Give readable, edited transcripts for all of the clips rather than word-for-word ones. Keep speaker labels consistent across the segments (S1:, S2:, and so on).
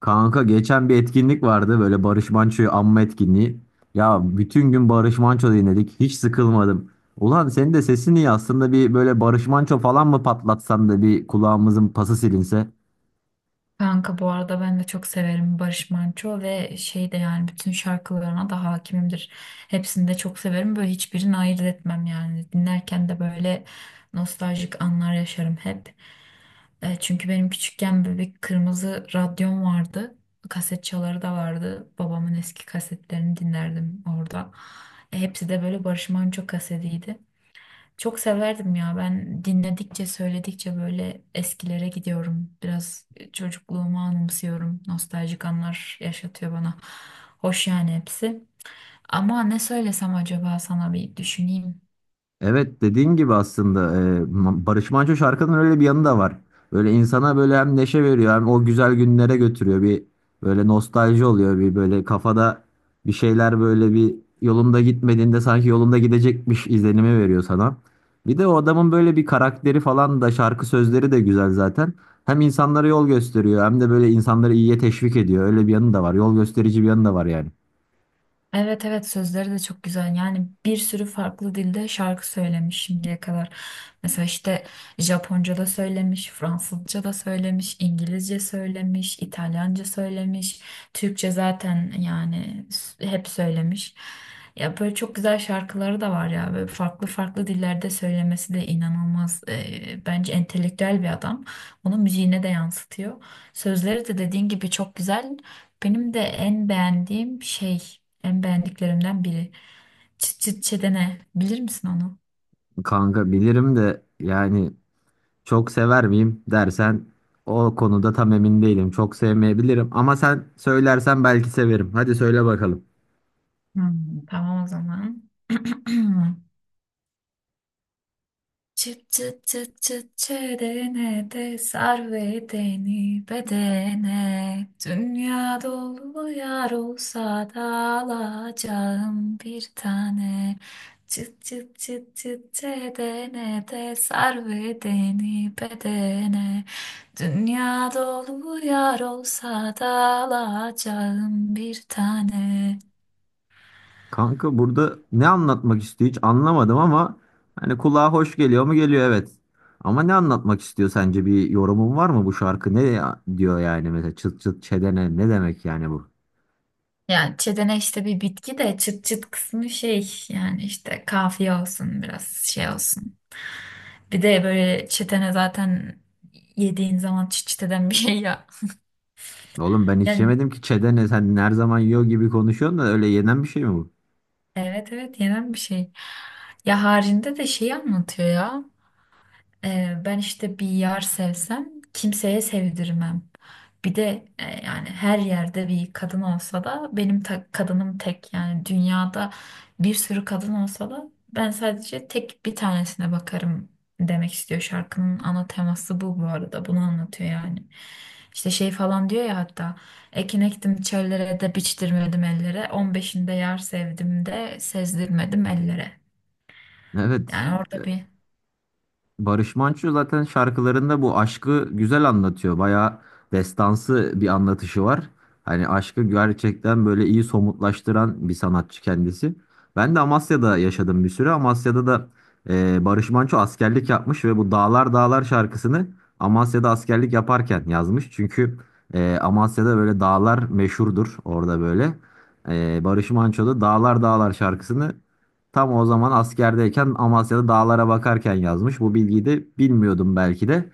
S1: Kanka geçen bir etkinlik vardı böyle Barış Manço'yu anma etkinliği. Ya bütün gün Barış Manço dinledik, hiç sıkılmadım. Ulan senin de sesin iyi aslında, bir böyle Barış Manço falan mı patlatsan da bir kulağımızın pası silinse.
S2: Kanka bu arada ben de çok severim Barış Manço ve şey de yani bütün şarkılarına da hakimimdir. Hepsini de çok severim. Böyle hiçbirini ayırt etmem yani. Dinlerken de böyle nostaljik anlar yaşarım hep. Çünkü benim küçükken böyle bir kırmızı radyom vardı. Kaset çaları da vardı. Babamın eski kasetlerini dinlerdim orada. Hepsi de böyle Barış Manço kasetiydi. Çok severdim ya ben dinledikçe söyledikçe böyle eskilere gidiyorum. Biraz çocukluğumu anımsıyorum. Nostaljik anlar yaşatıyor bana. Hoş yani hepsi. Ama ne söylesem acaba sana bir düşüneyim.
S1: Evet, dediğin gibi aslında Barış Manço şarkının öyle bir yanı da var. Böyle insana böyle hem neşe veriyor, hem o güzel günlere götürüyor. Bir böyle nostalji oluyor. Bir böyle kafada bir şeyler böyle bir yolunda gitmediğinde sanki yolunda gidecekmiş izlenimi veriyor sana. Bir de o adamın böyle bir karakteri falan da, şarkı sözleri de güzel zaten. Hem insanlara yol gösteriyor, hem de böyle insanları iyiye teşvik ediyor. Öyle bir yanı da var. Yol gösterici bir yanı da var yani.
S2: Evet evet sözleri de çok güzel. Yani bir sürü farklı dilde şarkı söylemiş şimdiye kadar. Mesela işte Japonca da söylemiş, Fransızca da söylemiş, İngilizce söylemiş, İtalyanca söylemiş, Türkçe zaten yani hep söylemiş. Ya böyle çok güzel şarkıları da var ya. Böyle farklı farklı dillerde söylemesi de inanılmaz. Bence entelektüel bir adam. Onu müziğine de yansıtıyor. Sözleri de dediğin gibi çok güzel. Benim de en beğendiğim şey en beğendiklerimden biri. Çıt çıt çedene. Bilir misin onu?
S1: Kanka bilirim de yani, çok sever miyim dersen o konuda tam emin değilim. Çok sevmeyebilirim ama sen söylersen belki severim. Hadi söyle bakalım.
S2: Tamam o zaman. Çıt çıt çıt çıt çedene de sar bedeni bedene. Dünya dolu yar olsa da alacağım bir tane. Çıt çıt çıt çıt çedene de sar bedeni bedene. Dünya dolu yar olsa da alacağım bir tane.
S1: Kanka burada ne anlatmak istiyor hiç anlamadım ama hani kulağa hoş geliyor mu, geliyor, evet. Ama ne anlatmak istiyor sence, bir yorumun var mı? Bu şarkı diyor yani, mesela çıt çıt çedene ne demek yani bu?
S2: Yani çetene işte bir bitki de çıt çıt kısmı şey yani işte kafiye olsun biraz şey olsun. Bir de böyle çetene zaten yediğin zaman çıt çıt eden bir şey ya.
S1: Oğlum ben hiç
S2: Yani
S1: yemedim ki çedene, sen her zaman yiyor gibi konuşuyorsun da öyle yenen bir şey mi bu?
S2: evet evet yenen bir şey. Ya haricinde de şeyi anlatıyor ya. Ben işte bir yer sevsem kimseye sevdirmem. Bir de yani her yerde bir kadın olsa da benim kadınım tek. Yani dünyada bir sürü kadın olsa da ben sadece tek bir tanesine bakarım demek istiyor. Şarkının ana teması bu bu arada. Bunu anlatıyor yani. İşte şey falan diyor ya hatta ekin ektim çöllere de biçtirmedim ellere. 15'inde yar sevdim de sezdirmedim ellere.
S1: Evet,
S2: Yani orada bir.
S1: Barış Manço zaten şarkılarında bu aşkı güzel anlatıyor. Bayağı destansı bir anlatışı var. Hani aşkı gerçekten böyle iyi somutlaştıran bir sanatçı kendisi. Ben de Amasya'da yaşadım bir süre. Amasya'da da Barış Manço askerlik yapmış ve bu Dağlar Dağlar şarkısını Amasya'da askerlik yaparken yazmış. Çünkü Amasya'da böyle dağlar meşhurdur orada böyle. Barış Manço da Dağlar Dağlar şarkısını tam o zaman askerdeyken Amasya'da dağlara bakarken yazmış. Bu bilgiyi de bilmiyordum belki de.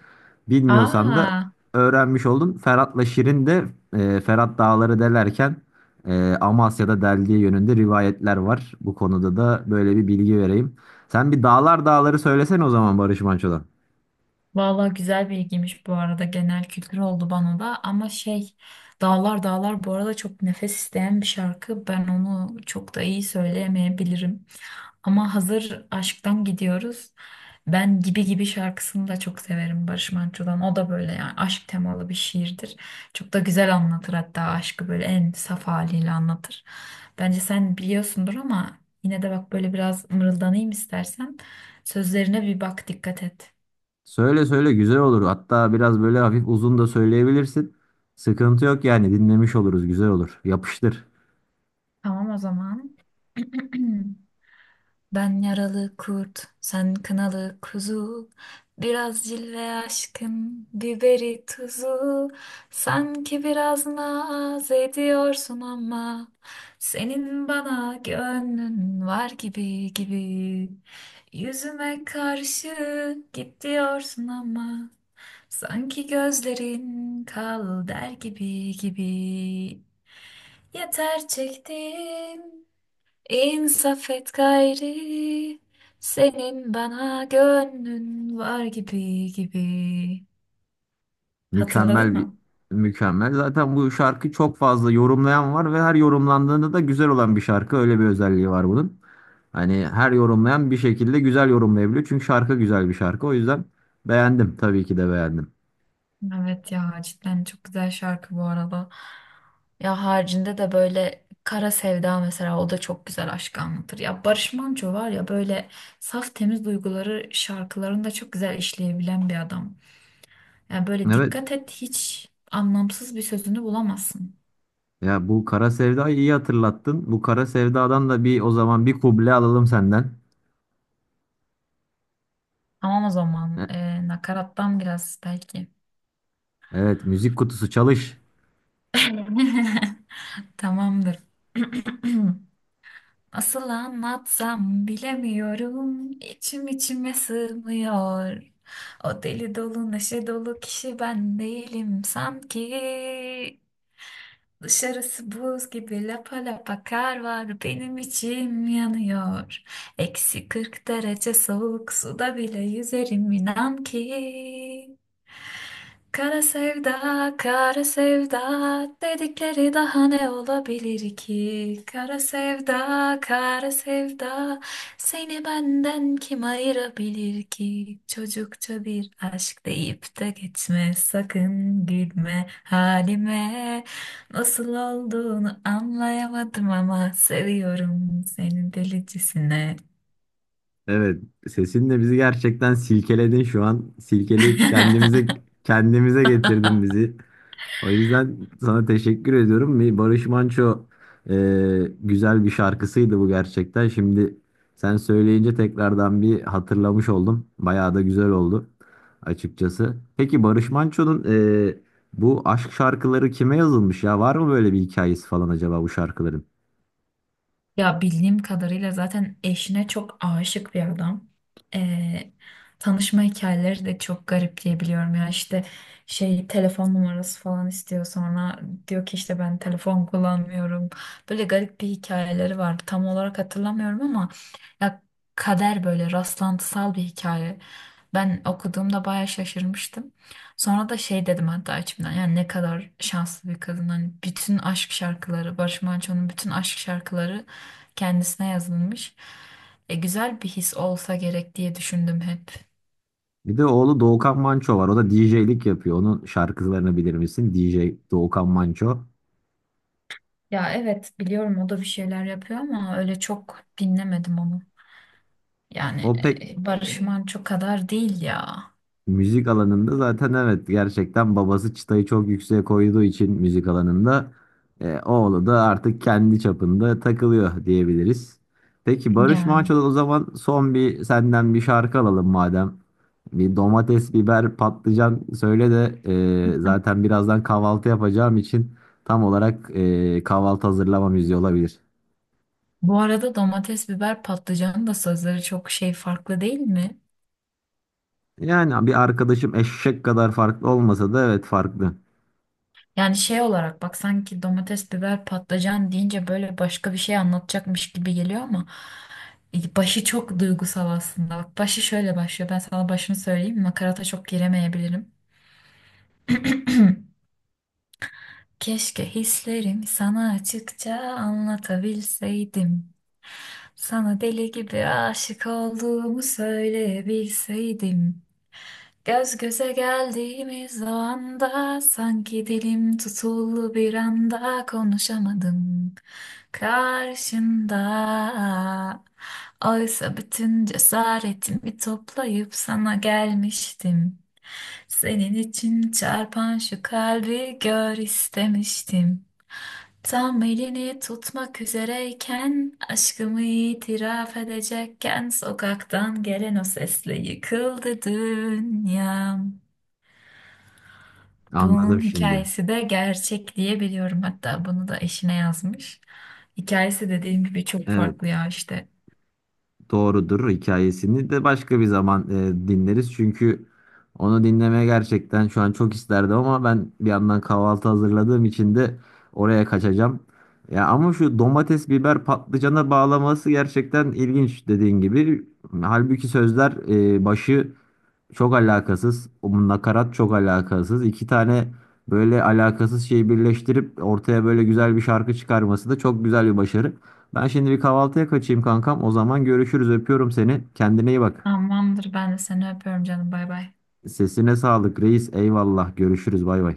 S1: Bilmiyorsan da
S2: Aa.
S1: öğrenmiş oldun. Ferhat'la Şirin de, Ferhat dağları delerken Amasya'da deldiği yönünde rivayetler var. Bu konuda da böyle bir bilgi vereyim. Sen bir Dağlar Dağları söylesene o zaman, Barış Manço'dan.
S2: Vallahi güzel bilgiymiş bu arada genel kültür oldu bana da ama şey Dağlar Dağlar bu arada çok nefes isteyen bir şarkı ben onu çok da iyi söyleyemeyebilirim ama hazır aşktan gidiyoruz ben Gibi Gibi şarkısını da çok severim Barış Manço'dan o da böyle yani aşk temalı bir şiirdir çok da güzel anlatır hatta aşkı böyle en saf haliyle anlatır bence sen biliyorsundur ama yine de bak böyle biraz mırıldanayım istersen sözlerine bir bak dikkat et.
S1: Söyle söyle, güzel olur. Hatta biraz böyle hafif uzun da söyleyebilirsin. Sıkıntı yok yani, dinlemiş oluruz, güzel olur. Yapıştır.
S2: Tamam o zaman. Ben yaralı kurt, sen kınalı kuzu. Biraz cilve aşkım, biberi tuzu. Sanki biraz naz ediyorsun ama senin bana gönlün var gibi gibi. Yüzüme karşı git diyorsun ama sanki gözlerin kal der gibi gibi. Yeter çektim, İnsaf et gayri, senin bana gönlün var gibi gibi. Hatırladın
S1: Mükemmel bir
S2: mı?
S1: mükemmel. Zaten bu şarkı çok fazla yorumlayan var ve her yorumlandığında da güzel olan bir şarkı. Öyle bir özelliği var bunun. Hani her yorumlayan bir şekilde güzel yorumlayabiliyor. Çünkü şarkı güzel bir şarkı. O yüzden beğendim. Tabii ki de beğendim.
S2: Evet ya cidden çok güzel şarkı bu arada. Ya haricinde de böyle Kara Sevda mesela o da çok güzel aşkı anlatır. Ya Barış Manço var ya böyle saf temiz duyguları şarkılarında çok güzel işleyebilen bir adam. Ya böyle
S1: Evet.
S2: dikkat et hiç anlamsız bir sözünü bulamazsın.
S1: Ya bu Kara Sevda'yı iyi hatırlattın. Bu Kara Sevda'dan da bir o zaman bir kuble alalım senden.
S2: Tamam o zaman
S1: E-
S2: nakarattan biraz belki.
S1: Evet, müzik kutusu çalış.
S2: Tamamdır. Asıl anlatsam bilemiyorum. İçim içime sığmıyor. O deli dolu neşe dolu kişi ben değilim sanki. Dışarısı buz gibi lapa lapa kar var benim içim yanıyor. Eksi 40 derece soğuk suda bile yüzerim inan ki. Kara sevda, kara sevda dedikleri daha ne olabilir ki? Kara sevda, kara sevda seni benden kim ayırabilir ki? Çocukça bir aşk deyip de geçme sakın gülme halime. Nasıl olduğunu anlayamadım ama seviyorum seni delicesine.
S1: Evet, sesinle bizi gerçekten silkeledin şu an. Silkeleyip kendimize getirdin bizi. O yüzden sana teşekkür ediyorum. Bir Barış Manço güzel bir şarkısıydı bu gerçekten. Şimdi sen söyleyince tekrardan bir hatırlamış oldum. Bayağı da güzel oldu açıkçası. Peki Barış Manço'nun e, bu aşk şarkıları kime yazılmış ya? Var mı böyle bir hikayesi falan acaba bu şarkıların?
S2: Ya bildiğim kadarıyla zaten eşine çok aşık bir adam. Ee, Tanışma hikayeleri de çok garip diye biliyorum. Ya işte şey telefon numarası falan istiyor sonra diyor ki işte ben telefon kullanmıyorum. Böyle garip bir hikayeleri var. Tam olarak hatırlamıyorum ama ya kader böyle rastlantısal bir hikaye. Ben okuduğumda bayağı şaşırmıştım. Sonra da şey dedim hatta içimden yani ne kadar şanslı bir kadın. Hani bütün aşk şarkıları, Barış Manço'nun bütün aşk şarkıları kendisine yazılmış. Güzel bir his olsa gerek diye düşündüm hep.
S1: Bir de oğlu Doğukan Manço var. O da DJ'lik yapıyor. Onun şarkılarını bilir misin? DJ Doğukan Manço.
S2: Ya evet biliyorum o da bir şeyler yapıyor ama öyle çok dinlemedim onu. Yani
S1: O pek.
S2: Barış Manço kadar değil ya.
S1: Müzik alanında zaten evet, gerçekten babası çıtayı çok yükseğe koyduğu için müzik alanında oğlu da artık kendi çapında takılıyor diyebiliriz. Peki Barış
S2: Yani.
S1: Manço'dan o zaman son bir, senden bir şarkı alalım madem. Bir domates, biber, patlıcan söyle de zaten birazdan kahvaltı yapacağım için tam olarak kahvaltı hazırlama müziği olabilir.
S2: Bu arada domates, biber, patlıcanın da sözleri çok şey farklı değil mi?
S1: Yani bir arkadaşım, eşek kadar farklı olmasa da evet, farklı.
S2: Yani şey olarak bak sanki domates, biber, patlıcan deyince böyle başka bir şey anlatacakmış gibi geliyor ama başı çok duygusal aslında. Bak başı şöyle başlıyor. Ben sana başını söyleyeyim. Makarata çok giremeyebilirim. Keşke hislerimi sana açıkça anlatabilseydim. Sana deli gibi aşık olduğumu söyleyebilseydim. Göz göze geldiğimiz o anda sanki dilim tutuldu bir anda konuşamadım karşında. Oysa bütün cesaretimi toplayıp sana gelmiştim. Senin için çarpan şu kalbi gör istemiştim. Tam elini tutmak üzereyken, aşkımı itiraf edecekken, sokaktan gelen o sesle yıkıldı dünyam. Bunun
S1: Anladım şimdi.
S2: hikayesi de gerçek diye biliyorum. Hatta bunu da eşine yazmış. Hikayesi dediğim gibi çok
S1: Evet.
S2: farklı ya işte.
S1: Doğrudur, hikayesini de başka bir zaman dinleriz. Çünkü onu dinlemeye gerçekten şu an çok isterdim ama ben bir yandan kahvaltı hazırladığım için de oraya kaçacağım. Ya ama şu domates, biber, patlıcana bağlaması gerçekten ilginç, dediğin gibi. Halbuki sözler, başı çok alakasız. Bu nakarat çok alakasız. İki tane böyle alakasız şeyi birleştirip ortaya böyle güzel bir şarkı çıkarması da çok güzel bir başarı. Ben şimdi bir kahvaltıya kaçayım kankam. O zaman görüşürüz. Öpüyorum seni. Kendine iyi bak.
S2: Tamamdır ben de seni öpüyorum canım bay bay.
S1: Sesine sağlık reis. Eyvallah. Görüşürüz. Bay bay.